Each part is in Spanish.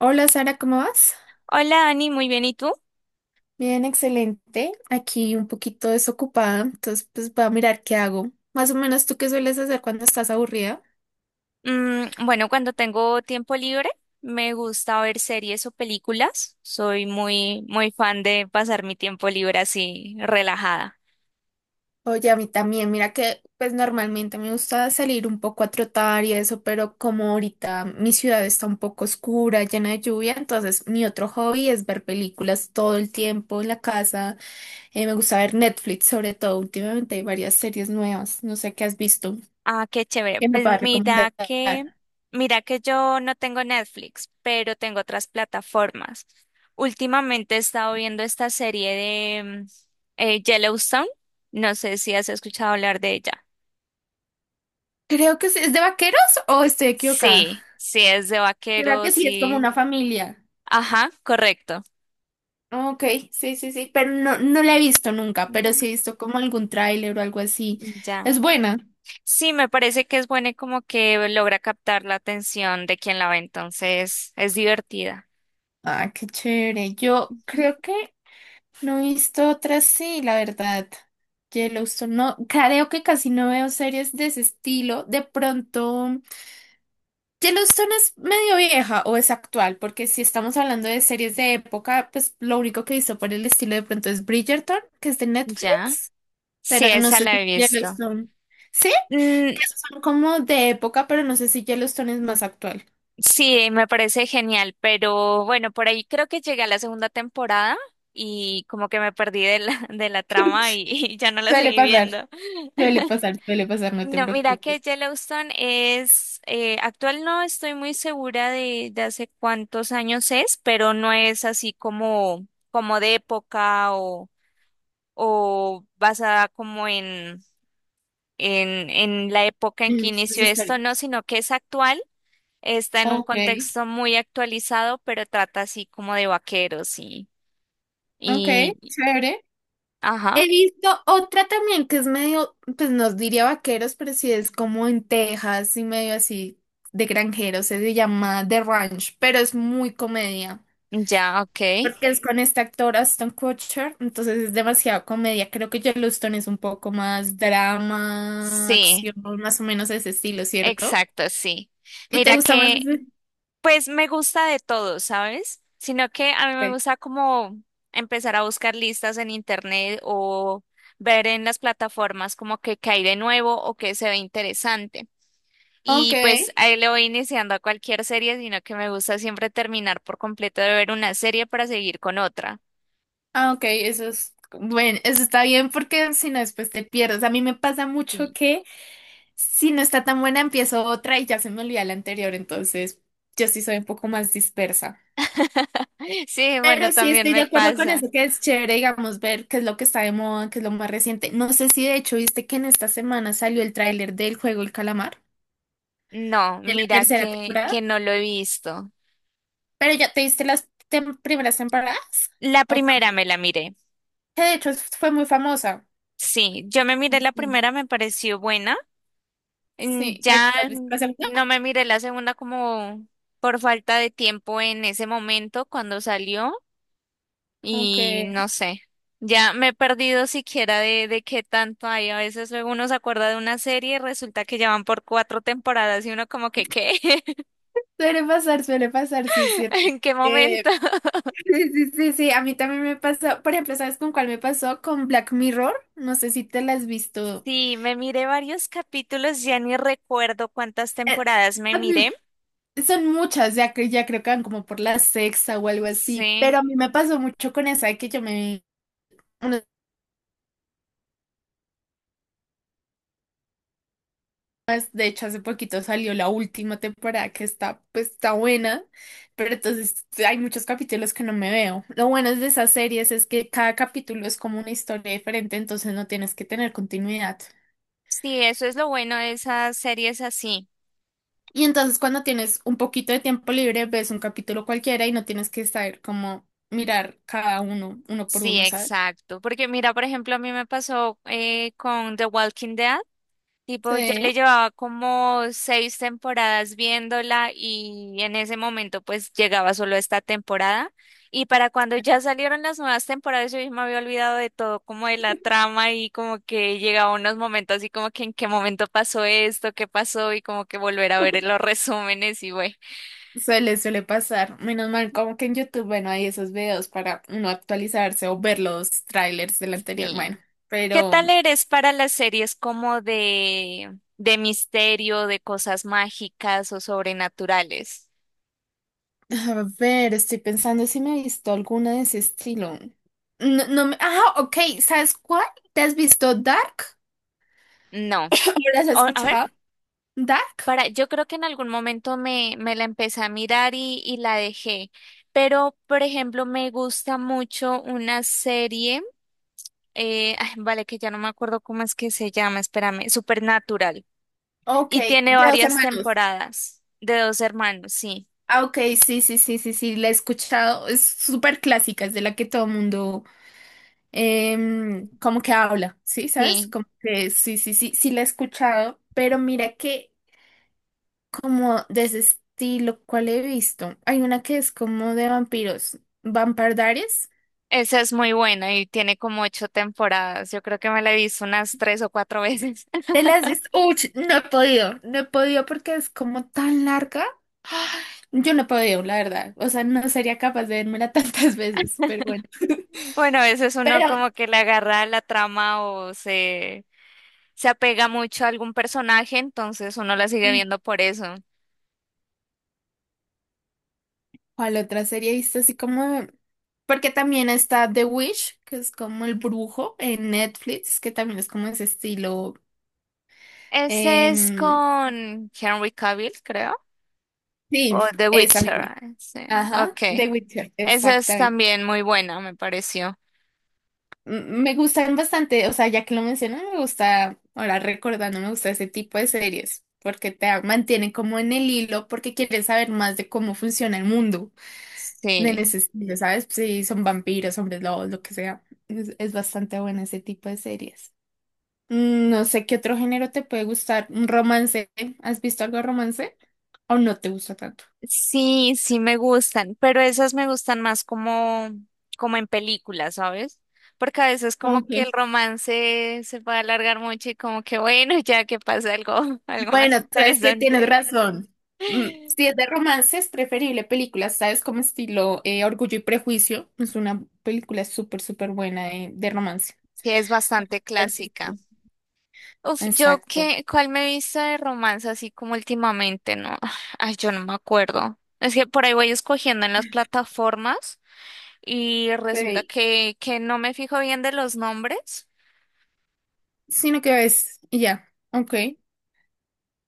Hola Sara, ¿cómo vas? Hola Ani, muy bien, ¿y tú? Bien, excelente. Aquí un poquito desocupada, entonces pues voy a mirar qué hago. Más o menos tú qué sueles hacer cuando estás aburrida. Mm, bueno, cuando tengo tiempo libre me gusta ver series o películas. Soy muy, muy fan de pasar mi tiempo libre así relajada. Oye, a mí también, mira que pues normalmente me gusta salir un poco a trotar y eso, pero como ahorita mi ciudad está un poco oscura, llena de lluvia, entonces mi otro hobby es ver películas todo el tiempo en la casa. Me gusta ver Netflix sobre todo, últimamente hay varias series nuevas, no sé qué has visto, Ah, qué chévere. ¿qué me a Pues mira recomendar? que, mira que yo no tengo Netflix, pero tengo otras plataformas. Últimamente he estado viendo esta serie de Yellowstone. No sé si has escuchado hablar de ella. Creo que sí. ¿Es de vaqueros o estoy equivocada? Sí, sí es de Creo que vaqueros sí, es como y... una familia. Ajá, correcto. Ok, sí, sí, sí, pero no, no la he visto nunca, pero sí he visto como algún tráiler o algo así. Es Ya. buena. Sí, me parece que es buena y como que logra captar la atención de quien la ve, entonces es divertida. Ah, qué chévere. Yo Ujú. creo que no he visto otras, sí, la verdad. Yellowstone, no, creo que casi no veo series de ese estilo. De pronto. Yellowstone es medio vieja o es actual, porque si estamos hablando de series de época, pues lo único que hizo por el estilo de pronto es Bridgerton, que es de Ya. Netflix, Sí, pero no esa sé si la he visto. Yellowstone. Sí, que Mm, esos son como de época, pero no sé si Yellowstone es más actual. sí, me parece genial, pero bueno, por ahí creo que llegué a la segunda temporada y como que me perdí de la trama y y ya no la Suele seguí pasar, viendo. suele pasar, suele pasar, no te No, mira preocupes. que Yellowstone es, actual, no estoy muy segura de hace cuántos años es, pero no es así como, como de época o basada como en la época en En que hechos inició esto, no, históricos. sino que es actual, está en un Ok, contexto muy actualizado, pero trata así como de vaqueros ok, y, chévere. ajá, He visto otra también que es medio, pues nos diría vaqueros, pero sí es como en Texas y medio así de granjeros, se llama The Ranch, pero es muy comedia, ya, ok. porque es con este actor Aston Kutcher, entonces es demasiado comedia. Creo que Yellowstone es un poco más drama, Sí, acción, más o menos ese estilo, ¿cierto? exacto, sí. ¿Y te Mira gusta más que ese? pues me gusta de todo, ¿sabes? Sino que a mí me Sí. gusta como empezar a buscar listas en internet o ver en las plataformas como que qué hay de nuevo o que se ve interesante. Ok, Y pues ahí le voy iniciando a cualquier serie, sino que me gusta siempre terminar por completo de ver una serie para seguir con otra. ah, ok, eso es, bueno, eso está bien porque si no después te pierdes. A mí me pasa mucho Sí. que... Si no está tan buena, empiezo otra y ya se me olvida la anterior, entonces yo sí soy un poco más dispersa. Sí, bueno, Pero sí también estoy de me acuerdo con pasa. eso, que es chévere, digamos, ver qué es lo que está de moda, qué es lo más reciente. No sé si de hecho viste que en esta semana salió el tráiler del juego El Calamar, No, de la mira tercera que, temporada, que no lo he visto. pero ya te viste las primeras temporadas, La o tam- primera me la miré. que de hecho fue muy famosa. Sí, yo me miré la Ujú. primera, me pareció buena. Mm, Sí, pero no, ya ¿te has visto la segunda? no me miré la segunda como por falta de tiempo en ese momento cuando salió y Aunque no sé, ya me he perdido siquiera de qué tanto hay. A veces luego uno se acuerda de una serie y resulta que ya van por cuatro temporadas y uno como que, ¿qué? Suele pasar, sí, es cierto. ¿En qué momento? Sí, sí, sí, sí, a mí también me pasó, por ejemplo, ¿sabes con cuál me pasó? Con Black Mirror, no sé si te la has visto. Sí, me miré varios capítulos, ya ni recuerdo cuántas Eh, temporadas me a miré. mí- Son muchas, ya, que ya creo que van como por la sexta o algo así, pero Sí, a mí me pasó mucho con esa de que yo me... una vez. De hecho, hace poquito salió la última temporada que está, pues, está buena, pero entonces hay muchos capítulos que no me veo. Lo bueno de esas series es que cada capítulo es como una historia diferente, entonces no tienes que tener continuidad. sí, eso es lo bueno de esas series así. Y entonces cuando tienes un poquito de tiempo libre, ves un capítulo cualquiera y no tienes que saber cómo mirar cada uno, uno por Sí, uno, ¿sabes? exacto. Porque mira, por ejemplo, a mí me pasó con The Walking Dead. Tipo, ya Sí, le llevaba como seis temporadas viéndola y en ese momento pues llegaba solo esta temporada. Y para cuando ya salieron las nuevas temporadas yo ya me había olvidado de todo, como de la trama y como que llegaba unos momentos así como que en qué momento pasó esto, qué pasó y como que volver a ver los resúmenes y güey. suele pasar. Menos mal, como que en YouTube, bueno, hay esos videos para uno actualizarse o ver los trailers del anterior. Sí. Bueno, ¿Qué tal pero eres para las series como de misterio, de cosas mágicas o sobrenaturales? a ver, estoy pensando si me he visto alguna de ese estilo. No, no me... Ah, ok, ¿sabes cuál? ¿Te has visto Dark? No. ¿O las has O- a ver, escuchado? ¿Dark? para, yo creo que en algún momento me la empecé a mirar y la dejé. Pero, por ejemplo, me gusta mucho una serie, ay, vale, que ya no me acuerdo cómo es que se llama, espérame, Supernatural. Ok, Y tiene de dos varias hermanos. temporadas de dos hermanos, sí. Ah, ok, sí, sí, sí, sí, sí, la he escuchado, es súper clásica, es de la que todo mundo como que habla, ¿sí? ¿Sabes? Sí, Como que sí, sí, sí, sí la he escuchado, pero mira que como de ese estilo, ¿cuál he visto? Hay una que es como de vampiros, Vampire Diaries. esa es muy buena y tiene como ocho temporadas. Yo creo que me la he visto unas tres o cuatro veces. ¿Te la has visto? Uy, no he podido, no he podido porque es como tan larga. Yo no he podido, la verdad. O sea, no sería capaz de vérmela tantas veces, pero bueno. Bueno, a veces uno Pero, como que le agarra la trama o se apega mucho a algún personaje, entonces uno la sigue sí, viendo por eso. ¿cuál otra serie viste así como? Porque también está The Witch, que es como el brujo en Netflix, que también es como ese estilo. Ese es em, con Henry Cavill, creo, sí, o The esa Witcher. misma. Ah, sí. Ajá, Ok. The Witcher, Esa es exactamente. también muy buena, me pareció. Me gustan bastante, o sea, ya que lo menciono, me gusta, ahora recordando, me gusta ese tipo de series, porque te mantienen como en el hilo, porque quieres saber más de cómo funciona el mundo, de Sí. ese estilo, ¿sabes? Si son vampiros, hombres lobos, lo que sea. Es bastante bueno ese tipo de series. No sé qué otro género te puede gustar. Un romance. ¿Has visto algo de romance? ¿O no te gusta tanto? Sí, sí me gustan, pero esas me gustan más como, como en películas, ¿sabes? Porque a veces como que el Ok. romance se puede alargar mucho y como que bueno, ya que pasa algo, algo más Bueno, sabes que tienes interesante. razón. Sí, Si es de romance, es preferible películas, ¿sabes? Como estilo, Orgullo y Prejuicio. Es una película súper, súper buena de romance. es bastante ¿Has clásica. visto? Uf, yo Exacto. qué, ¿cuál me he visto de romance así como últimamente? No, ay, yo no me acuerdo. Es que por ahí voy escogiendo en las plataformas y resulta Sí. Que no me fijo bien de los nombres. Sino que ves, y ya. Ok.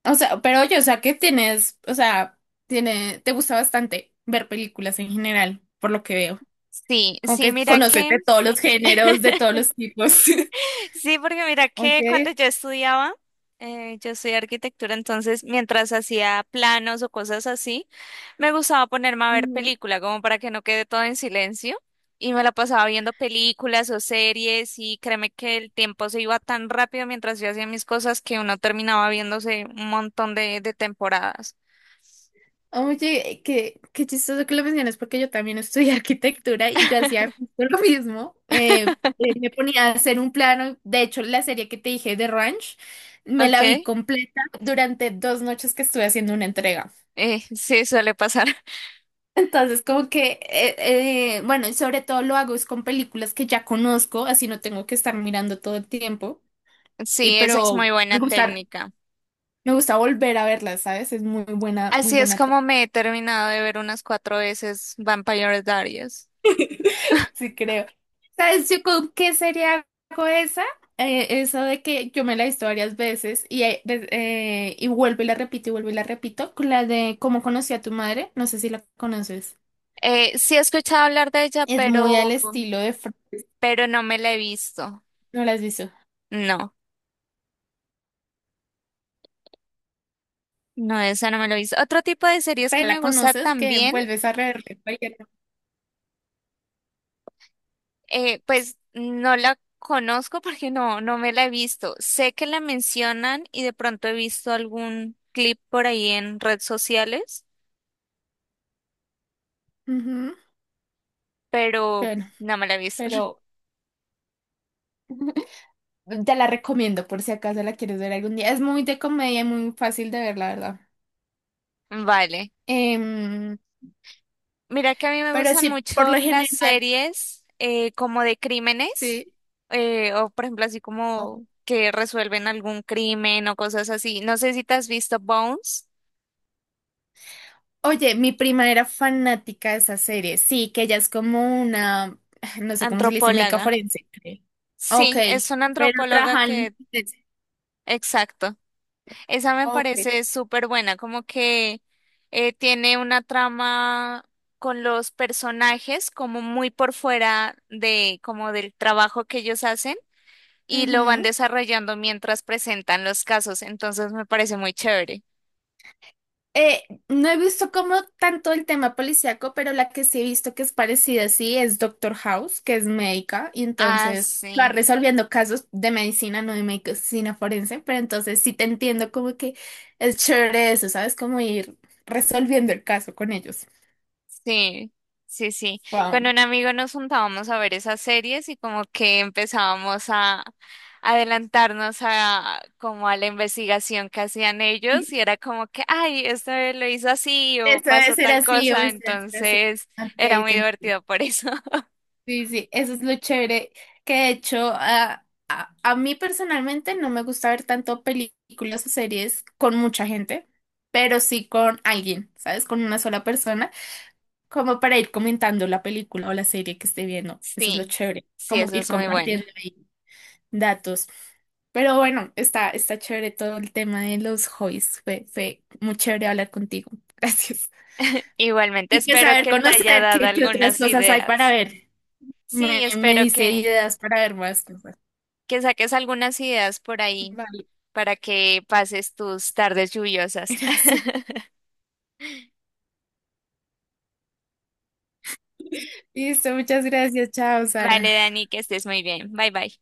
O sea, pero oye, o sea, que tienes, o sea, tiene, te gusta bastante ver películas en general, por lo que veo. Sí, Como sí, que mira conoces que de todos los géneros, de todos los tipos. sí, porque mira Ok. que cuando yo estudiaba, yo estudié arquitectura, entonces mientras hacía planos o cosas así, me gustaba ponerme a ver Ujú. película, como para que no quede todo en silencio. Y me la pasaba viendo películas o series y créeme que el tiempo se iba tan rápido mientras yo hacía mis cosas que uno terminaba viéndose un montón de temporadas. Oye, qué chistoso que lo mencionas porque yo también estudié arquitectura y yo hacía justo lo mismo. Me ponía a hacer un plano. De hecho, la serie que te dije de Ranch, me Ok, la vi completa durante 2 noches que estuve haciendo una entrega. Sí, suele pasar. Entonces, como que, bueno, y sobre todo lo hago es con películas que ya conozco, así no tengo que estar mirando todo el tiempo. Y Sí, esa es pero muy me buena gusta técnica. Me gusta volver a verla, ¿sabes? Es muy buena, muy Así es buena. Como me he terminado de ver unas cuatro veces Vampire Diaries. Sí, creo. ¿Sabes yo con qué sería hago esa? Eso de que yo me la he visto varias veces y vuelvo y la repito y vuelvo y la repito. Con la de Cómo conocí a tu madre, no sé si la conoces. Sí he escuchado hablar de ella, Es muy al estilo de... pero no me la he visto. No la has visto. No, no, esa no me la he visto. Otro tipo de series que Pero me la gusta conoces que también, vuelves a reverla. Cualquier. Pues no la conozco porque no, no me la he visto. Sé que la mencionan y de pronto he visto algún clip por ahí en redes sociales, Ujú. pero Bueno, no me la he visto. pero... Te la recomiendo por si acaso la quieres ver algún día. Es muy de comedia y muy fácil de ver, la verdad. Vale. Em, Mira que a mí me Pero gustan sí, por mucho lo las general, series como de crímenes, sí. O por ejemplo así como que resuelven algún crimen o cosas así. No sé si te has visto Bones, Oye, mi prima era fanática de esa serie. Sí, que ella es como una, no sé cómo se le dice, médica antropóloga. forense, creo. Ok, Sí, es una pero antropóloga trabajan. que, exacto, esa me Ok. parece súper buena, como que tiene una trama con los personajes como muy por fuera de como del trabajo que ellos hacen y lo van Ujú. desarrollando mientras presentan los casos, entonces me parece muy chévere. No he visto como tanto el tema policíaco, pero la que sí he visto que es parecida, sí, es Doctor House, que es médica, y Ah, entonces va sí, resolviendo casos de medicina, no de medicina forense, pero entonces sí te entiendo como que es chévere eso, ¿sabes? Como ir resolviendo el caso con ellos. sí, sí, sí. Con Wow. un amigo nos juntábamos a ver esas series y como que empezábamos a adelantarnos a como a la investigación que hacían ellos y era como que, ay, esto lo hizo así o Eso debe pasó ser tal así, o cosa, eso debe ser así. entonces Ok, era muy te divertido entiendo. por eso. Sí, sí, eso es lo chévere. Que de hecho, a mí personalmente no me gusta ver tanto películas o series con mucha gente, pero sí con alguien, ¿sabes? Con una sola persona, como para ir comentando la película o la serie que esté viendo. Eso es lo Sí, chévere, sí, como eso ir es muy bueno. compartiendo ahí datos. Pero bueno, está chévere todo el tema de los hobbies. Fue muy chévere hablar contigo. Gracias. Igualmente Y pues espero saber que te haya conocer dado qué otras algunas cosas hay para ideas. ver. Me, Sí, me espero dice ideas para ver más cosas. que saques algunas ideas por ahí Vale, para que pases tus tardes lluviosas. gracias. Listo, muchas gracias. Chao, Vale, Sara. Dani, que estés muy bien. Bye bye.